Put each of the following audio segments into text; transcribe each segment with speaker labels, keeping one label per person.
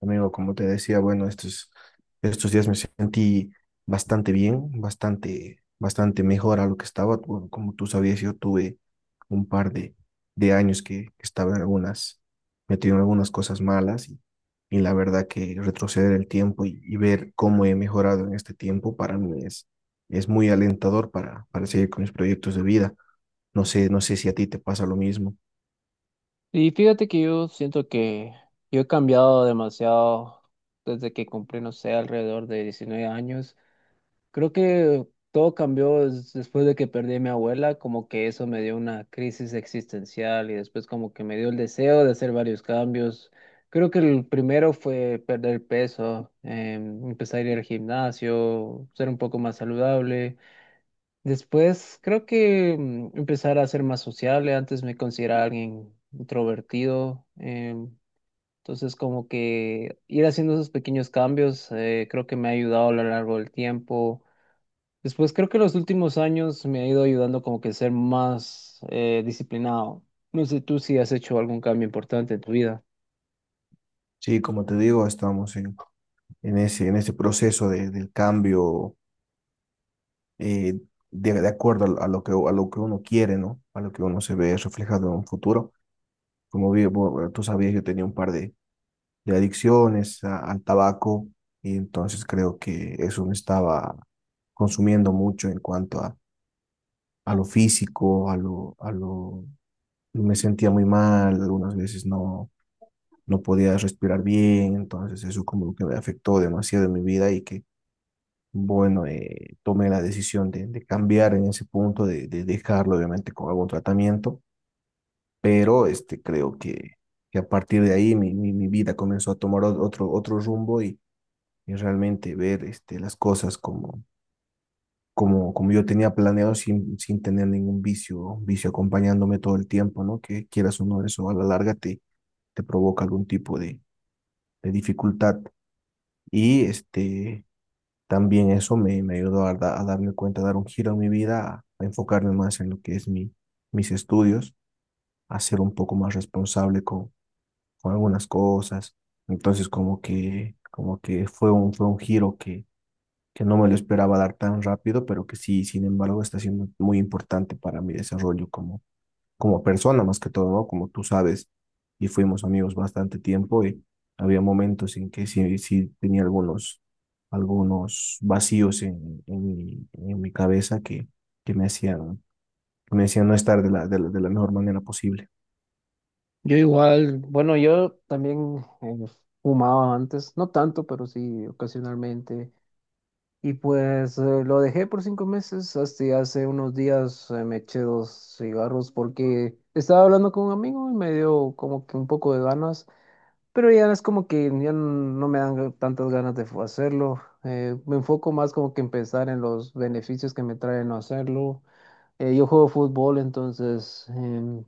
Speaker 1: Amigo, como te decía, bueno, estos días me sentí bastante bien, bastante mejor a lo que estaba. Bueno, como tú sabías, yo tuve un par de años que estaba en algunas, metido en algunas cosas malas y la verdad que retroceder el tiempo y ver cómo he mejorado en este tiempo para mí es muy alentador para seguir con mis proyectos de vida. No sé, no sé si a ti te pasa lo mismo.
Speaker 2: Y fíjate que yo siento que yo he cambiado demasiado desde que cumplí, no sé, alrededor de 19 años. Creo que todo cambió después de que perdí a mi abuela, como que eso me dio una crisis existencial y después como que me dio el deseo de hacer varios cambios. Creo que el primero fue perder peso, empezar a ir al gimnasio, ser un poco más saludable. Después creo que empezar a ser más sociable. Antes me consideraba alguien introvertido. Entonces como que ir haciendo esos pequeños cambios creo que me ha ayudado a lo largo del tiempo. Después creo que los últimos años me ha ido ayudando como que ser más disciplinado. No sé tú si has hecho algún cambio importante en tu vida.
Speaker 1: Sí, como te digo, estamos en ese proceso de, del cambio eh, de acuerdo a lo que a lo que uno quiere, ¿no? A lo que uno se ve reflejado en un futuro. Como tú sabías, yo tenía un par de adicciones al tabaco y entonces creo que eso me estaba consumiendo mucho en cuanto a lo físico, a lo... Me sentía muy mal, algunas veces no podía respirar bien, entonces eso como que me afectó demasiado en mi vida y que bueno, tomé la decisión de cambiar en ese punto, de dejarlo obviamente con algún tratamiento, pero este, creo que a partir de ahí mi vida comenzó a tomar otro rumbo y realmente ver este, las cosas como yo tenía planeado sin tener ningún vicio, vicio acompañándome todo el tiempo, ¿no? Que quieras o no, eso a la larga te provoca algún tipo de dificultad. Y este, también eso me ayudó a darme cuenta, a dar un giro a mi vida, a enfocarme más en lo que es mis estudios, a ser un poco más responsable con algunas cosas. Entonces, como que fue un giro que no me lo esperaba dar tan rápido, pero que sí, sin embargo, está siendo muy importante para mi desarrollo como persona más que todo, ¿no? Como tú sabes, y fuimos amigos bastante tiempo y había momentos en que sí tenía algunos vacíos en mi cabeza que me hacían, que me hacían no estar de la, de la, de la mejor manera posible.
Speaker 2: Yo igual, bueno, yo también fumaba antes, no tanto, pero sí ocasionalmente. Y pues lo dejé por 5 meses, hasta hace unos días me eché 2 cigarros porque estaba hablando con un amigo y me dio como que un poco de ganas, pero ya es como que ya no me dan tantas ganas de hacerlo. Me enfoco más como que en pensar en los beneficios que me trae no hacerlo. Yo juego fútbol, entonces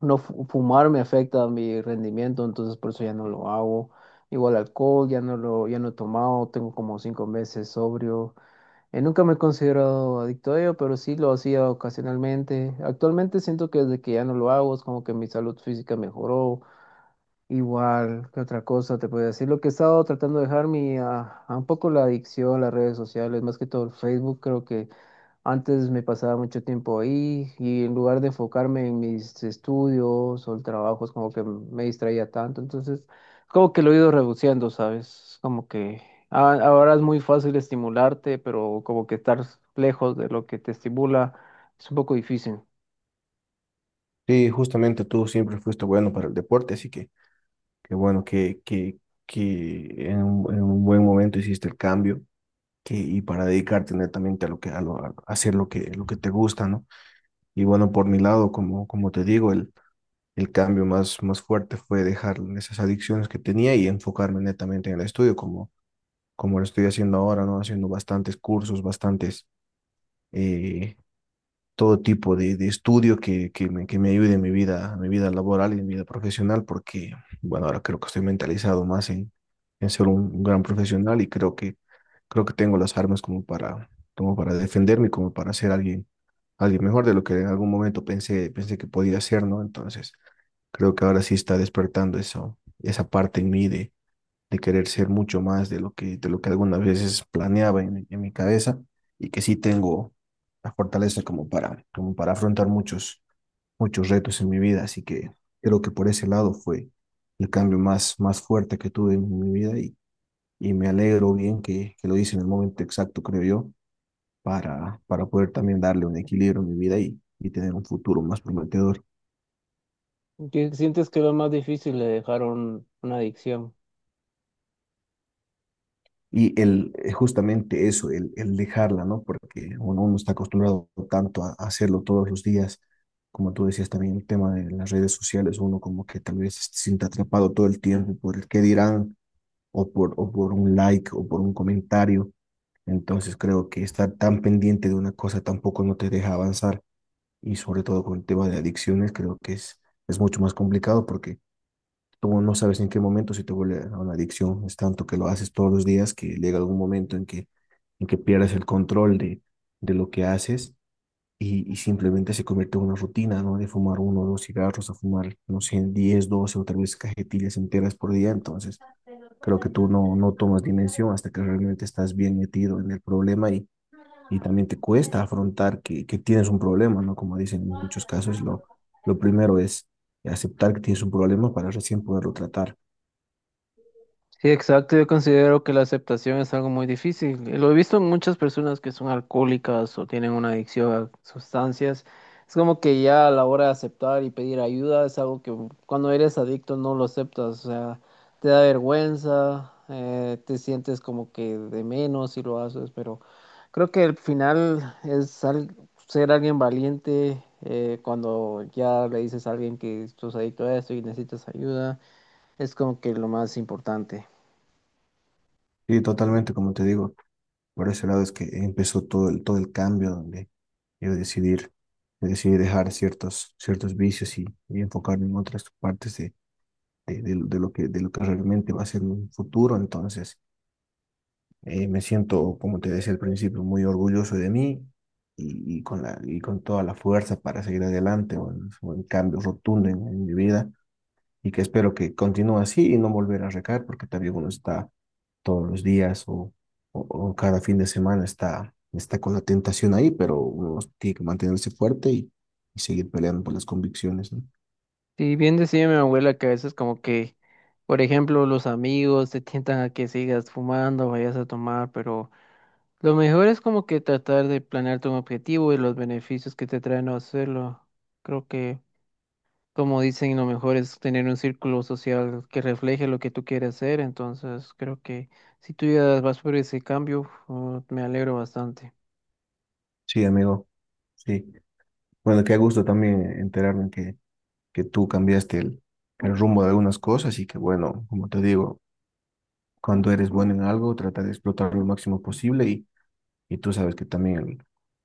Speaker 2: no fumar me afecta a mi rendimiento, entonces por eso ya no lo hago. Igual alcohol, ya no lo, ya no he tomado, tengo como 5 meses sobrio. Nunca me he considerado adicto a ello, pero sí lo hacía ocasionalmente. Actualmente siento que desde que ya no lo hago, es como que mi salud física mejoró. Igual, ¿qué otra cosa te puedo decir? Lo que he estado tratando de dejar a un poco la adicción, las redes sociales, más que todo el Facebook, creo que antes me pasaba mucho tiempo ahí y en lugar de enfocarme en mis estudios o el trabajo, es como que me distraía tanto. Entonces, como que lo he ido reduciendo, ¿sabes? Como que ahora es muy fácil estimularte, pero como que estar lejos de lo que te estimula es un poco difícil.
Speaker 1: Sí, justamente tú siempre fuiste bueno para el deporte, así que qué bueno que en un buen momento hiciste el cambio que, y para dedicarte netamente a lo que a hacer lo que te gusta, ¿no? Y bueno, por mi lado, como te digo, el cambio más fuerte fue dejar esas adicciones que tenía y enfocarme netamente en el estudio, como lo estoy haciendo ahora, ¿no? Haciendo bastantes cursos, bastantes eh, todo tipo de estudio que me ayude en mi vida laboral y en mi vida profesional, porque, bueno, ahora creo que estoy mentalizado más en ser un gran profesional y creo que tengo las armas como para, como para defenderme, como para ser alguien, alguien mejor de lo que en algún momento pensé que podía ser, ¿no? Entonces, creo que ahora sí está despertando eso, esa parte en mí de querer ser mucho más de lo que algunas veces planeaba en, en mi cabeza y que sí tengo la fortaleza como para, como para afrontar muchos retos en mi vida. Así que creo que por ese lado fue el cambio más fuerte que tuve en mi vida y me alegro bien que lo hice en el momento exacto, creo yo, para poder también darle un equilibrio a mi vida y tener un futuro más prometedor.
Speaker 2: ¿Sientes que lo más difícil de dejar una adicción?
Speaker 1: Y el, justamente eso, el dejarla, ¿no? Porque uno está acostumbrado tanto a hacerlo todos los días, como tú decías también, el tema de las redes sociales, uno como que tal vez se siente atrapado todo el tiempo por el qué dirán, o por un like, o por un comentario. Entonces creo que estar tan pendiente de una cosa tampoco no te deja avanzar, y sobre todo con el tema de adicciones, creo que es mucho más complicado porque tú no sabes en qué momento se te vuelve a una adicción. Es tanto que lo haces todos los días que llega algún momento en que pierdes el control de lo que haces y simplemente se convierte en una rutina, ¿no? De fumar uno o dos cigarros a fumar, no sé, 10 12 o tal vez cajetillas enteras por día. Entonces, creo que tú no, no tomas dimensión hasta que realmente estás bien metido en el problema y también te cuesta afrontar que tienes un problema, ¿no? Como dicen en muchos casos, lo primero es aceptar que tienes un problema para recién poderlo tratar.
Speaker 2: Sí, exacto. Yo considero que la aceptación es algo muy difícil. Lo he visto en muchas personas que son alcohólicas o tienen una adicción a sustancias. Es como que ya a la hora de aceptar y pedir ayuda es algo que cuando eres adicto no lo aceptas. O sea, te da vergüenza, te sientes como que de menos si lo haces. Pero creo que al final es ser alguien valiente cuando ya le dices a alguien que estás adicto a esto y necesitas ayuda. Es como que lo más importante.
Speaker 1: Sí, totalmente, como te digo, por ese lado es que empezó todo el cambio donde yo decidí dejar ciertos vicios y enfocarme en otras partes de de lo que realmente va a ser un futuro. Entonces, me siento, como te decía al principio, muy orgulloso de mí y con la con toda la fuerza para seguir adelante, o en cambio rotundo en mi vida y que espero que continúe así y no volver a recaer porque también uno está todos los días o, o cada fin de semana está con la tentación ahí, pero uno tiene que mantenerse fuerte y seguir peleando por las convicciones, ¿no?
Speaker 2: Sí, bien decía mi abuela que a veces como que, por ejemplo, los amigos te tientan a que sigas fumando, vayas a tomar, pero lo mejor es como que tratar de planearte un objetivo y los beneficios que te traen no hacerlo. Creo que, como dicen, lo mejor es tener un círculo social que refleje lo que tú quieres hacer, entonces creo que si tú ya vas por ese cambio, me alegro bastante.
Speaker 1: Sí, amigo, sí. Bueno, qué gusto también enterarme que tú cambiaste el rumbo de algunas cosas y que, bueno, como te digo, cuando eres bueno en algo, trata de explotarlo lo máximo posible y Y tú sabes que también el-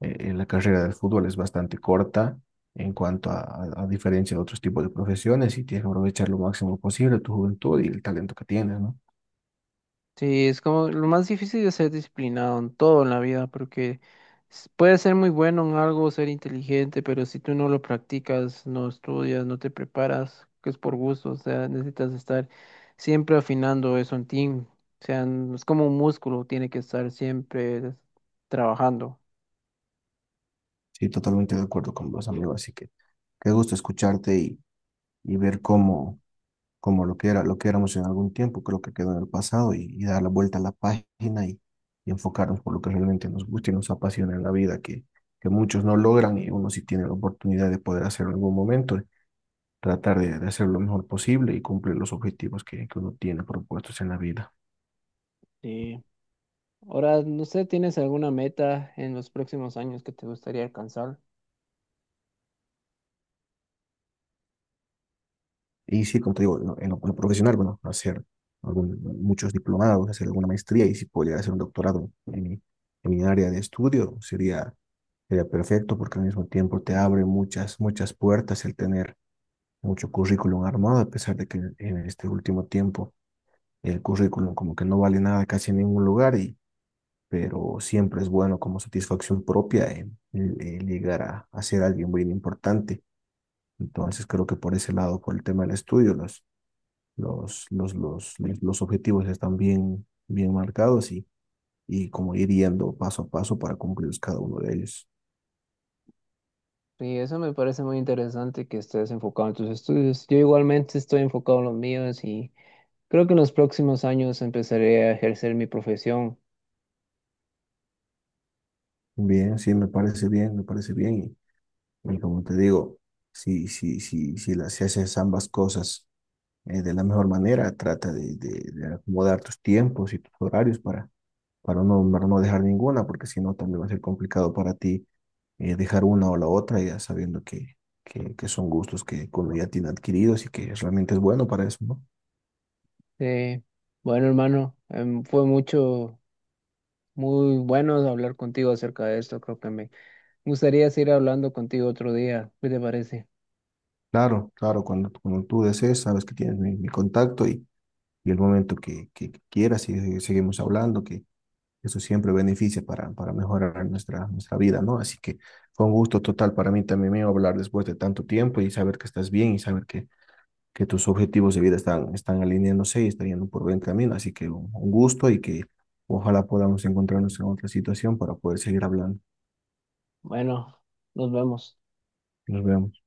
Speaker 1: eh, eh, la carrera del fútbol es bastante corta en cuanto a diferencia de otros tipos de profesiones y tienes que aprovechar lo máximo posible tu juventud y el talento que tienes, ¿no?
Speaker 2: Sí, es como lo más difícil de ser disciplinado en todo en la vida, porque puedes ser muy bueno en algo, ser inteligente, pero si tú no lo practicas, no estudias, no te preparas, que es por gusto, o sea, necesitas estar siempre afinando eso en ti. O sea, es como un músculo, tiene que estar siempre trabajando.
Speaker 1: Sí, totalmente de acuerdo con vos, amigo. Así que qué gusto escucharte y ver cómo lo que era, lo que éramos en algún tiempo, creo que quedó en el pasado y dar la vuelta a la página y enfocarnos por lo que realmente nos gusta y nos apasiona en la vida, que muchos no logran y uno sí tiene la oportunidad de poder hacerlo en algún momento tratar de hacer lo mejor posible y cumplir los objetivos que uno tiene propuestos en la vida.
Speaker 2: Sí. Ahora, no sé, ¿tienes alguna meta en los próximos años que te gustaría alcanzar?
Speaker 1: Y sí, como te digo, en lo, profesional, bueno, hacer muchos diplomados, hacer alguna maestría y si pudiera hacer un doctorado en mi área de estudio, sería perfecto porque al mismo tiempo te abre muchas puertas el tener mucho currículum armado, a pesar de que en este último tiempo el currículum como que no vale nada casi en ningún lugar y pero siempre es bueno como satisfacción propia llegar a ser alguien muy importante. Entonces creo que por ese lado, por el tema del estudio, los objetivos están bien marcados y como ir yendo paso a paso para cumplir cada uno de ellos.
Speaker 2: Y eso me parece muy interesante que estés enfocado en tus estudios. Yo igualmente estoy enfocado en los míos y creo que en los próximos años empezaré a ejercer mi profesión.
Speaker 1: Bien, sí, me parece bien, me parece bien. Y como te digo, si haces ambas cosas de la mejor manera, trata de acomodar tus tiempos y tus horarios para para no dejar ninguna, porque si no también va a ser complicado para ti dejar una o la otra, ya sabiendo que son gustos que uno ya tiene adquiridos y que realmente es bueno para eso, ¿no?
Speaker 2: Eh, bueno, hermano, fue mucho, muy bueno hablar contigo acerca de esto. Creo que me gustaría seguir hablando contigo otro día. ¿Qué te parece?
Speaker 1: Claro, claro, cuando tú desees, sabes que tienes mi contacto y el momento que quieras y seguimos hablando, que eso siempre beneficia para mejorar nuestra vida, ¿no? Así que fue un gusto total para mí también mío hablar después de tanto tiempo y saber que estás bien y saber que tus objetivos de vida están, están alineándose y están yendo por buen camino. Así que un gusto y que ojalá podamos encontrarnos en otra situación para poder seguir hablando.
Speaker 2: Bueno, nos vemos.
Speaker 1: Nos vemos.